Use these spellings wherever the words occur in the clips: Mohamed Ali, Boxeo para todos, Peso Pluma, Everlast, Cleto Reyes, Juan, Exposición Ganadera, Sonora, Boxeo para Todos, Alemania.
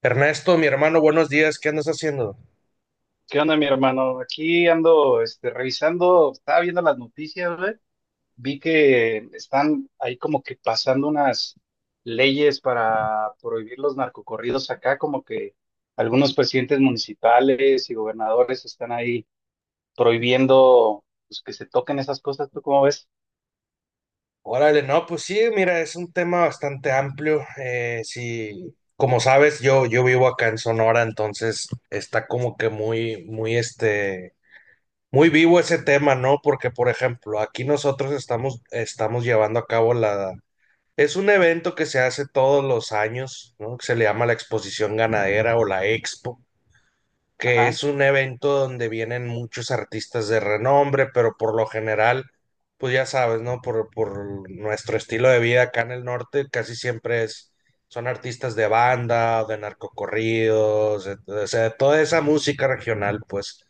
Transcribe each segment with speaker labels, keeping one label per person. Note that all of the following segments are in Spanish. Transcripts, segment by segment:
Speaker 1: Ernesto, mi hermano, buenos días, ¿qué andas haciendo?
Speaker 2: ¿Qué onda, mi hermano? Aquí ando, revisando, estaba viendo las noticias, güey. Vi que están ahí como que pasando unas leyes para prohibir los narcocorridos acá, como que algunos presidentes municipales y gobernadores están ahí prohibiendo, pues, que se toquen esas cosas. ¿Tú cómo ves?
Speaker 1: Órale, no, pues sí, mira, es un tema bastante amplio. Sí, como sabes, yo vivo acá en Sonora, entonces está como que muy, muy, muy vivo ese tema, ¿no? Porque, por ejemplo, aquí nosotros estamos llevando a cabo la... Es un evento que se hace todos los años, ¿no? Que se le llama la Exposición Ganadera o la Expo, que
Speaker 2: Ajá.
Speaker 1: es un evento donde vienen muchos artistas de renombre, pero por lo general, pues ya sabes, ¿no? Por nuestro estilo de vida acá en el norte, casi siempre son artistas de banda, o de narcocorridos, o sea, de toda esa música regional, pues.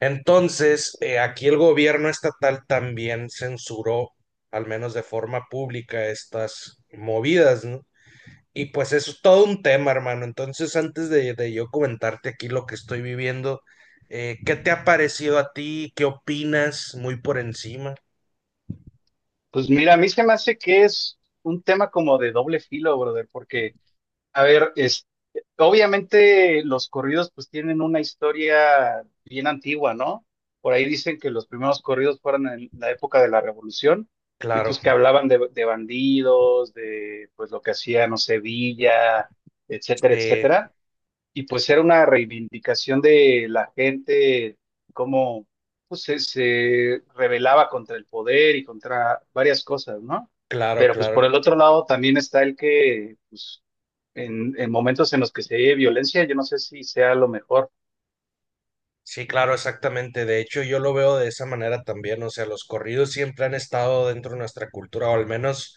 Speaker 1: Entonces, aquí el gobierno estatal también censuró, al menos de forma pública, estas movidas, ¿no? Y pues eso es todo un tema, hermano. Entonces, antes de, yo comentarte aquí lo que estoy viviendo, ¿qué te ha parecido a ti? ¿Qué opinas? Muy por encima.
Speaker 2: Pues mira, a mí se me hace que es un tema como de doble filo, brother, porque a ver, es, obviamente los corridos pues tienen una historia bien antigua, ¿no? Por ahí dicen que los primeros corridos fueron en la época de la Revolución y
Speaker 1: Claro,
Speaker 2: pues que hablaban de bandidos, de pues lo que hacía, no sé, Villa, etcétera,
Speaker 1: eh,
Speaker 2: etcétera. Y pues era una reivindicación de la gente, cómo pues, se rebelaba contra el poder y contra varias cosas, ¿no?
Speaker 1: claro,
Speaker 2: Pero pues por
Speaker 1: claro.
Speaker 2: el otro lado también está el que, pues, en momentos en los que se ve violencia, yo no sé si sea lo mejor.
Speaker 1: Sí, claro, exactamente. De hecho, yo lo veo de esa manera también. O sea, los corridos siempre han estado dentro de nuestra cultura, o al menos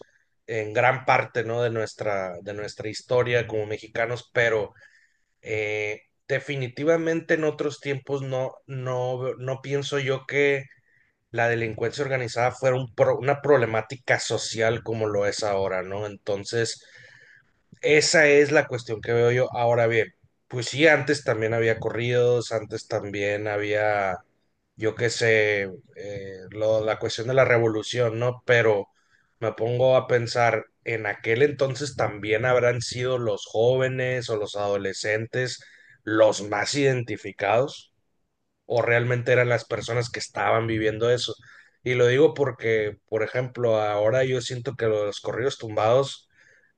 Speaker 1: en gran parte, ¿no? De nuestra historia como mexicanos, pero eh, definitivamente en otros tiempos no, no, no pienso yo que la delincuencia organizada fuera un una problemática social como lo es ahora, ¿no? Entonces, esa es la cuestión que veo yo. Ahora bien, pues sí, antes también había corridos, antes también había, yo qué sé, la cuestión de la revolución, ¿no? Pero me pongo a pensar, en aquel entonces también habrán sido los jóvenes o los adolescentes los más identificados o realmente eran las personas que estaban viviendo eso. Y lo digo porque, por ejemplo, ahora yo siento que los corridos tumbados,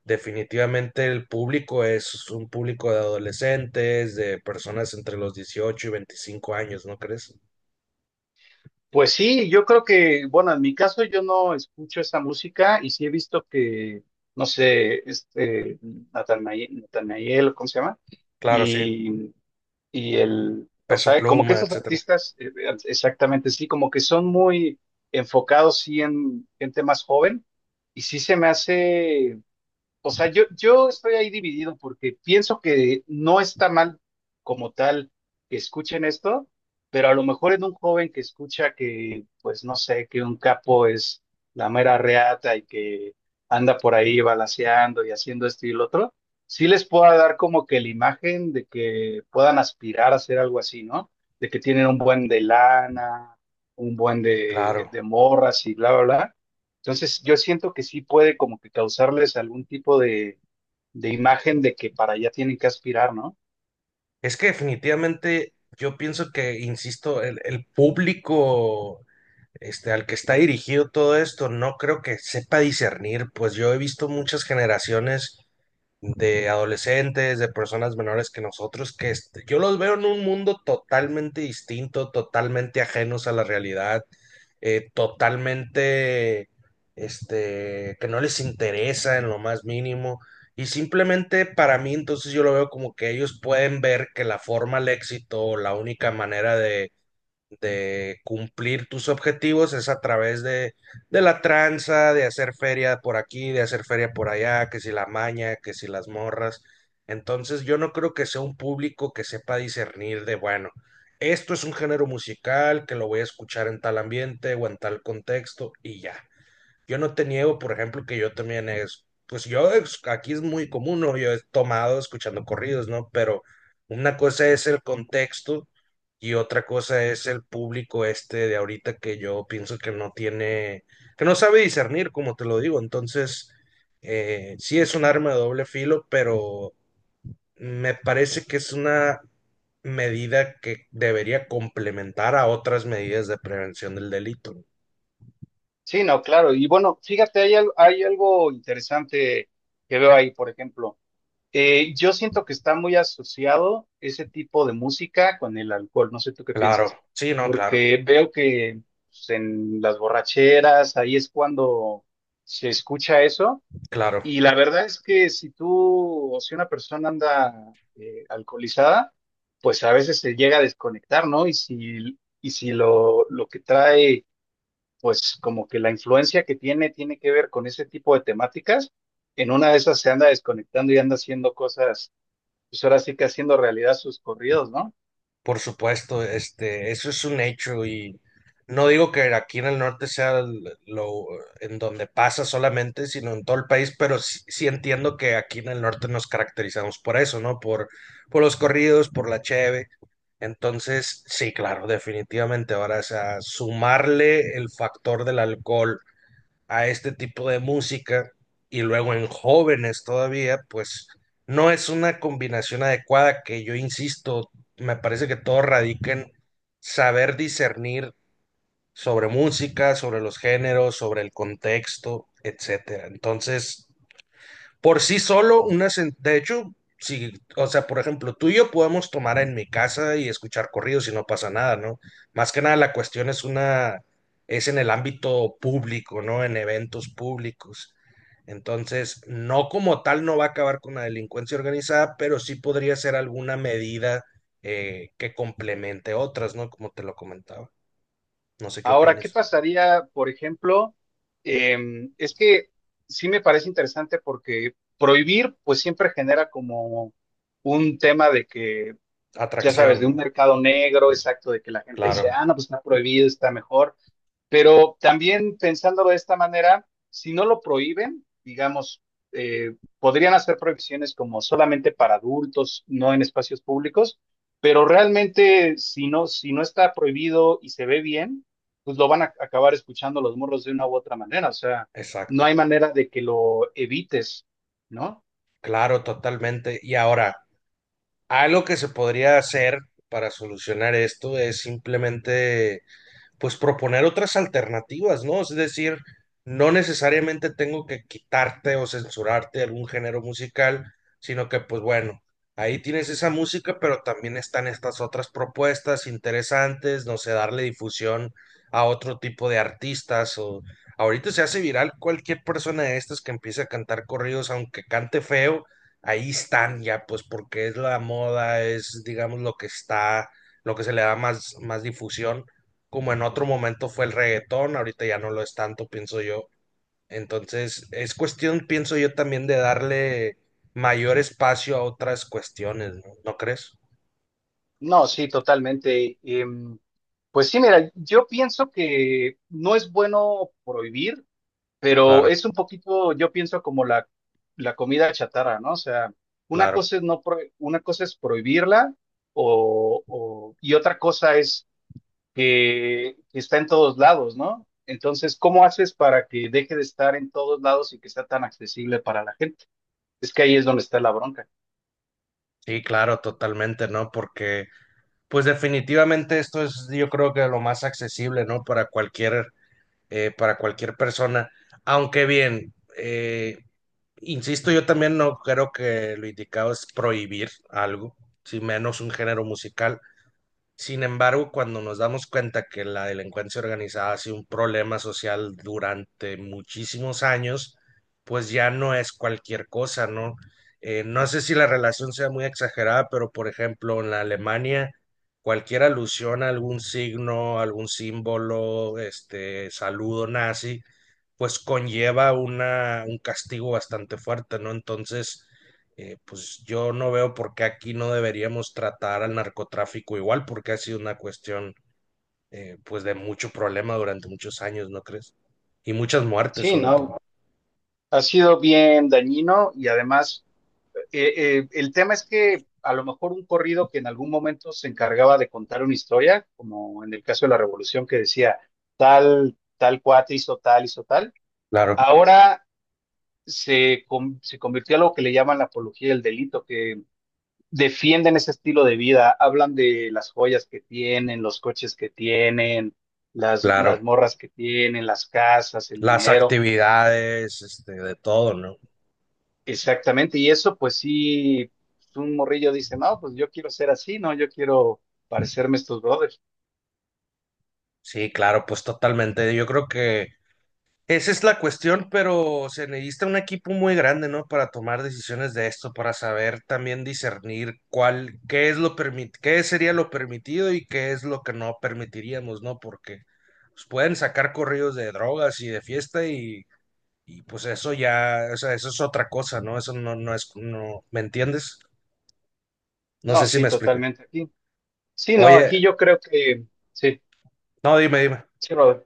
Speaker 1: definitivamente el público es un público de adolescentes, de personas entre los 18 y 25 años, ¿no crees?
Speaker 2: Pues sí, yo creo que, bueno, en mi caso yo no escucho esa música y sí he visto que, no sé, Natanael, ¿cómo se llama?
Speaker 1: Claro, sí,
Speaker 2: Y Y el, o
Speaker 1: Peso
Speaker 2: sea, como que
Speaker 1: Pluma,
Speaker 2: estos
Speaker 1: etcétera.
Speaker 2: artistas, exactamente, sí, como que son muy enfocados, sí, en gente más joven, y sí se me hace, o sea, yo estoy ahí dividido porque pienso que no está mal como tal que escuchen esto, pero a lo mejor en un joven que escucha que, pues no sé, que un capo es la mera reata y que anda por ahí balaceando y haciendo esto y lo otro, sí les pueda dar como que la imagen de que puedan aspirar a hacer algo así, ¿no? De que tienen un buen de lana, un buen
Speaker 1: Claro.
Speaker 2: de morras y bla, bla, bla. Entonces, yo siento que sí puede como que causarles algún tipo de imagen de que para allá tienen que aspirar, ¿no?
Speaker 1: Es que definitivamente yo pienso que, insisto, el público este, al que está dirigido todo esto, no creo que sepa discernir, pues yo he visto muchas generaciones de adolescentes, de personas menores que nosotros, yo los veo en un mundo totalmente distinto, totalmente ajenos a la realidad, totalmente, que no les interesa en lo más mínimo. Y simplemente para mí, entonces yo lo veo como que ellos pueden ver que la forma al éxito, la única manera de cumplir tus objetivos es a través de la tranza, de hacer feria por aquí, de hacer feria por allá, que si la maña, que si las morras. Entonces yo no creo que sea un público que sepa discernir de, bueno, esto es un género musical que lo voy a escuchar en tal ambiente o en tal contexto y ya. Yo no te niego, por ejemplo, que yo también pues aquí es muy común, ¿no? Yo he tomado escuchando corridos, ¿no? Pero una cosa es el contexto y otra cosa es el público este de ahorita que yo pienso que no tiene, que no sabe discernir, como te lo digo. Entonces, sí es un arma de doble filo, pero me parece que es una medida que debería complementar a otras medidas de prevención del delito.
Speaker 2: Sí, no, claro. Y bueno, fíjate, hay, al- hay algo interesante que veo ahí, por ejemplo. Yo siento que está muy asociado ese tipo de música con el alcohol. No sé tú qué
Speaker 1: Claro,
Speaker 2: piensas,
Speaker 1: sí, no, claro,
Speaker 2: porque veo que pues, en las borracheras, ahí es cuando se escucha eso.
Speaker 1: claro.
Speaker 2: Y la verdad es que si tú o si una persona anda alcoholizada, pues a veces se llega a desconectar, ¿no? Y si lo, lo que trae, pues como que la influencia que tiene tiene que ver con ese tipo de temáticas, en una de esas se anda desconectando y anda haciendo cosas, pues ahora sí que haciendo realidad sus corridos, ¿no?
Speaker 1: Por supuesto, eso es un hecho y no digo que aquí en el norte sea lo en donde pasa solamente, sino en todo el país, pero sí, sí entiendo que aquí en el norte nos caracterizamos por eso, ¿no? Por los corridos, por la cheve. Entonces, sí, claro, definitivamente. Ahora, o sea, sumarle el factor del alcohol a este tipo de música y luego en jóvenes todavía, pues no es una combinación adecuada que yo insisto, me parece que todo radica en saber discernir sobre música, sobre los géneros, sobre el contexto, etcétera. Entonces, por sí solo, de hecho, si, o sea, por ejemplo, tú y yo podemos tomar en mi casa y escuchar corridos y no pasa nada, ¿no? Más que nada la cuestión es es en el ámbito público, ¿no? En eventos públicos. Entonces, no como tal no va a acabar con la delincuencia organizada, pero sí podría ser alguna medida que complemente otras, ¿no? Como te lo comentaba. No sé qué
Speaker 2: Ahora, ¿qué
Speaker 1: opines.
Speaker 2: pasaría, por ejemplo? Es que sí me parece interesante porque prohibir, pues siempre genera como un tema de que, ya sabes,
Speaker 1: Atracción,
Speaker 2: de un
Speaker 1: ¿no?
Speaker 2: mercado negro, exacto, de que la gente dice,
Speaker 1: Claro,
Speaker 2: ah, no, pues está prohibido, está mejor. Pero también pensándolo de esta manera, si no lo prohíben, digamos, podrían hacer prohibiciones como solamente para adultos, no en espacios públicos, pero realmente si no, si no está prohibido y se ve bien, pues lo van a acabar escuchando los morros de una u otra manera. O sea, no
Speaker 1: exacto.
Speaker 2: hay manera de que lo evites, ¿no?
Speaker 1: Claro, totalmente. Y ahora, algo que se podría hacer para solucionar esto es simplemente pues proponer otras alternativas, ¿no? Es decir, no necesariamente tengo que quitarte o censurarte algún género musical, sino que pues bueno, ahí tienes esa música, pero también están estas otras propuestas interesantes, no sé, darle difusión a otro tipo de artistas o ahorita se hace viral cualquier persona de estas que empiece a cantar corridos, aunque cante feo, ahí están ya, pues porque es la moda, es digamos lo que está, lo que se le da más difusión como en otro momento fue el reggaetón, ahorita ya no lo es tanto, pienso yo. Entonces, es cuestión, pienso yo, también de darle mayor espacio a otras cuestiones, ¿no? ¿No crees?
Speaker 2: No, sí, totalmente. Pues sí, mira, yo pienso que no es bueno prohibir, pero
Speaker 1: Claro,
Speaker 2: es un poquito, yo pienso como la comida chatarra, ¿no? O sea, una
Speaker 1: claro.
Speaker 2: cosa es no pro- una cosa es prohibirla o- y otra cosa es que está en todos lados, ¿no? Entonces, ¿cómo haces para que deje de estar en todos lados y que sea tan accesible para la gente? Es que ahí es donde está la bronca.
Speaker 1: Sí, claro, totalmente, ¿no? Porque, pues definitivamente esto es, yo creo que lo más accesible, ¿no? Para cualquier persona. Aunque bien, insisto, yo también no creo que lo indicado es prohibir algo, si menos un género musical. Sin embargo, cuando nos damos cuenta que la delincuencia organizada ha sido un problema social durante muchísimos años, pues ya no es cualquier cosa, ¿no? No sé si la relación sea muy exagerada, pero por ejemplo, en la Alemania, cualquier alusión a algún signo, algún símbolo, saludo nazi, pues conlleva un castigo bastante fuerte, ¿no? Entonces, pues yo no veo por qué aquí no deberíamos tratar al narcotráfico igual, porque ha sido una cuestión pues de mucho problema durante muchos años, ¿no crees? Y muchas muertes
Speaker 2: Sí,
Speaker 1: sobre todo.
Speaker 2: ¿no? Ha sido bien dañino y además eh, el tema es que a lo mejor un corrido que en algún momento se encargaba de contar una historia, como en el caso de la Revolución que decía tal, tal cuate hizo tal,
Speaker 1: Claro,
Speaker 2: ahora se, con- se convirtió a lo que le llaman la apología del delito, que defienden ese estilo de vida, hablan de las joyas que tienen, los coches que tienen, las
Speaker 1: claro.
Speaker 2: morras que tienen, las casas, el
Speaker 1: Las
Speaker 2: dinero.
Speaker 1: actividades, de todo, ¿no?
Speaker 2: Exactamente, y eso pues sí, pues, un morrillo dice, no, pues yo quiero ser así, no, yo quiero parecerme a estos brothers.
Speaker 1: Sí, claro, pues totalmente. Yo creo que esa es la cuestión, pero se necesita un equipo muy grande, ¿no? Para tomar decisiones de esto, para saber también discernir cuál, qué sería lo permitido y qué es lo que no permitiríamos, ¿no? Porque pues, pueden sacar corridos de drogas y de fiesta y, pues eso ya, o sea, eso es otra cosa, ¿no? Eso no, no es, no, ¿me entiendes? No
Speaker 2: No,
Speaker 1: sé si
Speaker 2: sí,
Speaker 1: me expliqué.
Speaker 2: totalmente aquí. Sí, no,
Speaker 1: Oye,
Speaker 2: aquí yo creo que, sí,
Speaker 1: no, dime, dime.
Speaker 2: sí, brother.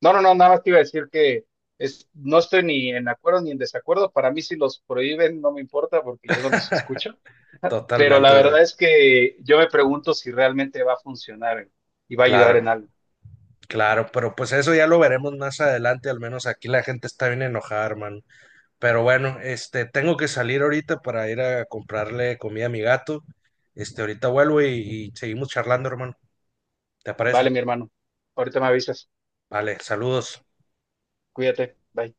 Speaker 2: No, no, no, nada más te iba a decir que es, no estoy ni en acuerdo ni en desacuerdo, para mí si los prohíben no me importa porque yo no los escucho, pero la
Speaker 1: Totalmente, bro.
Speaker 2: verdad es que yo me pregunto si realmente va a funcionar, y va a ayudar
Speaker 1: Claro.
Speaker 2: en algo.
Speaker 1: Claro, pero pues eso ya lo veremos más adelante, al menos aquí la gente está bien enojada, hermano. Pero bueno, tengo que salir ahorita para ir a comprarle comida a mi gato. Ahorita vuelvo y seguimos charlando, hermano. ¿Te parece?
Speaker 2: Vale, mi hermano, ahorita me avisas,
Speaker 1: Vale, saludos.
Speaker 2: cuídate, bye.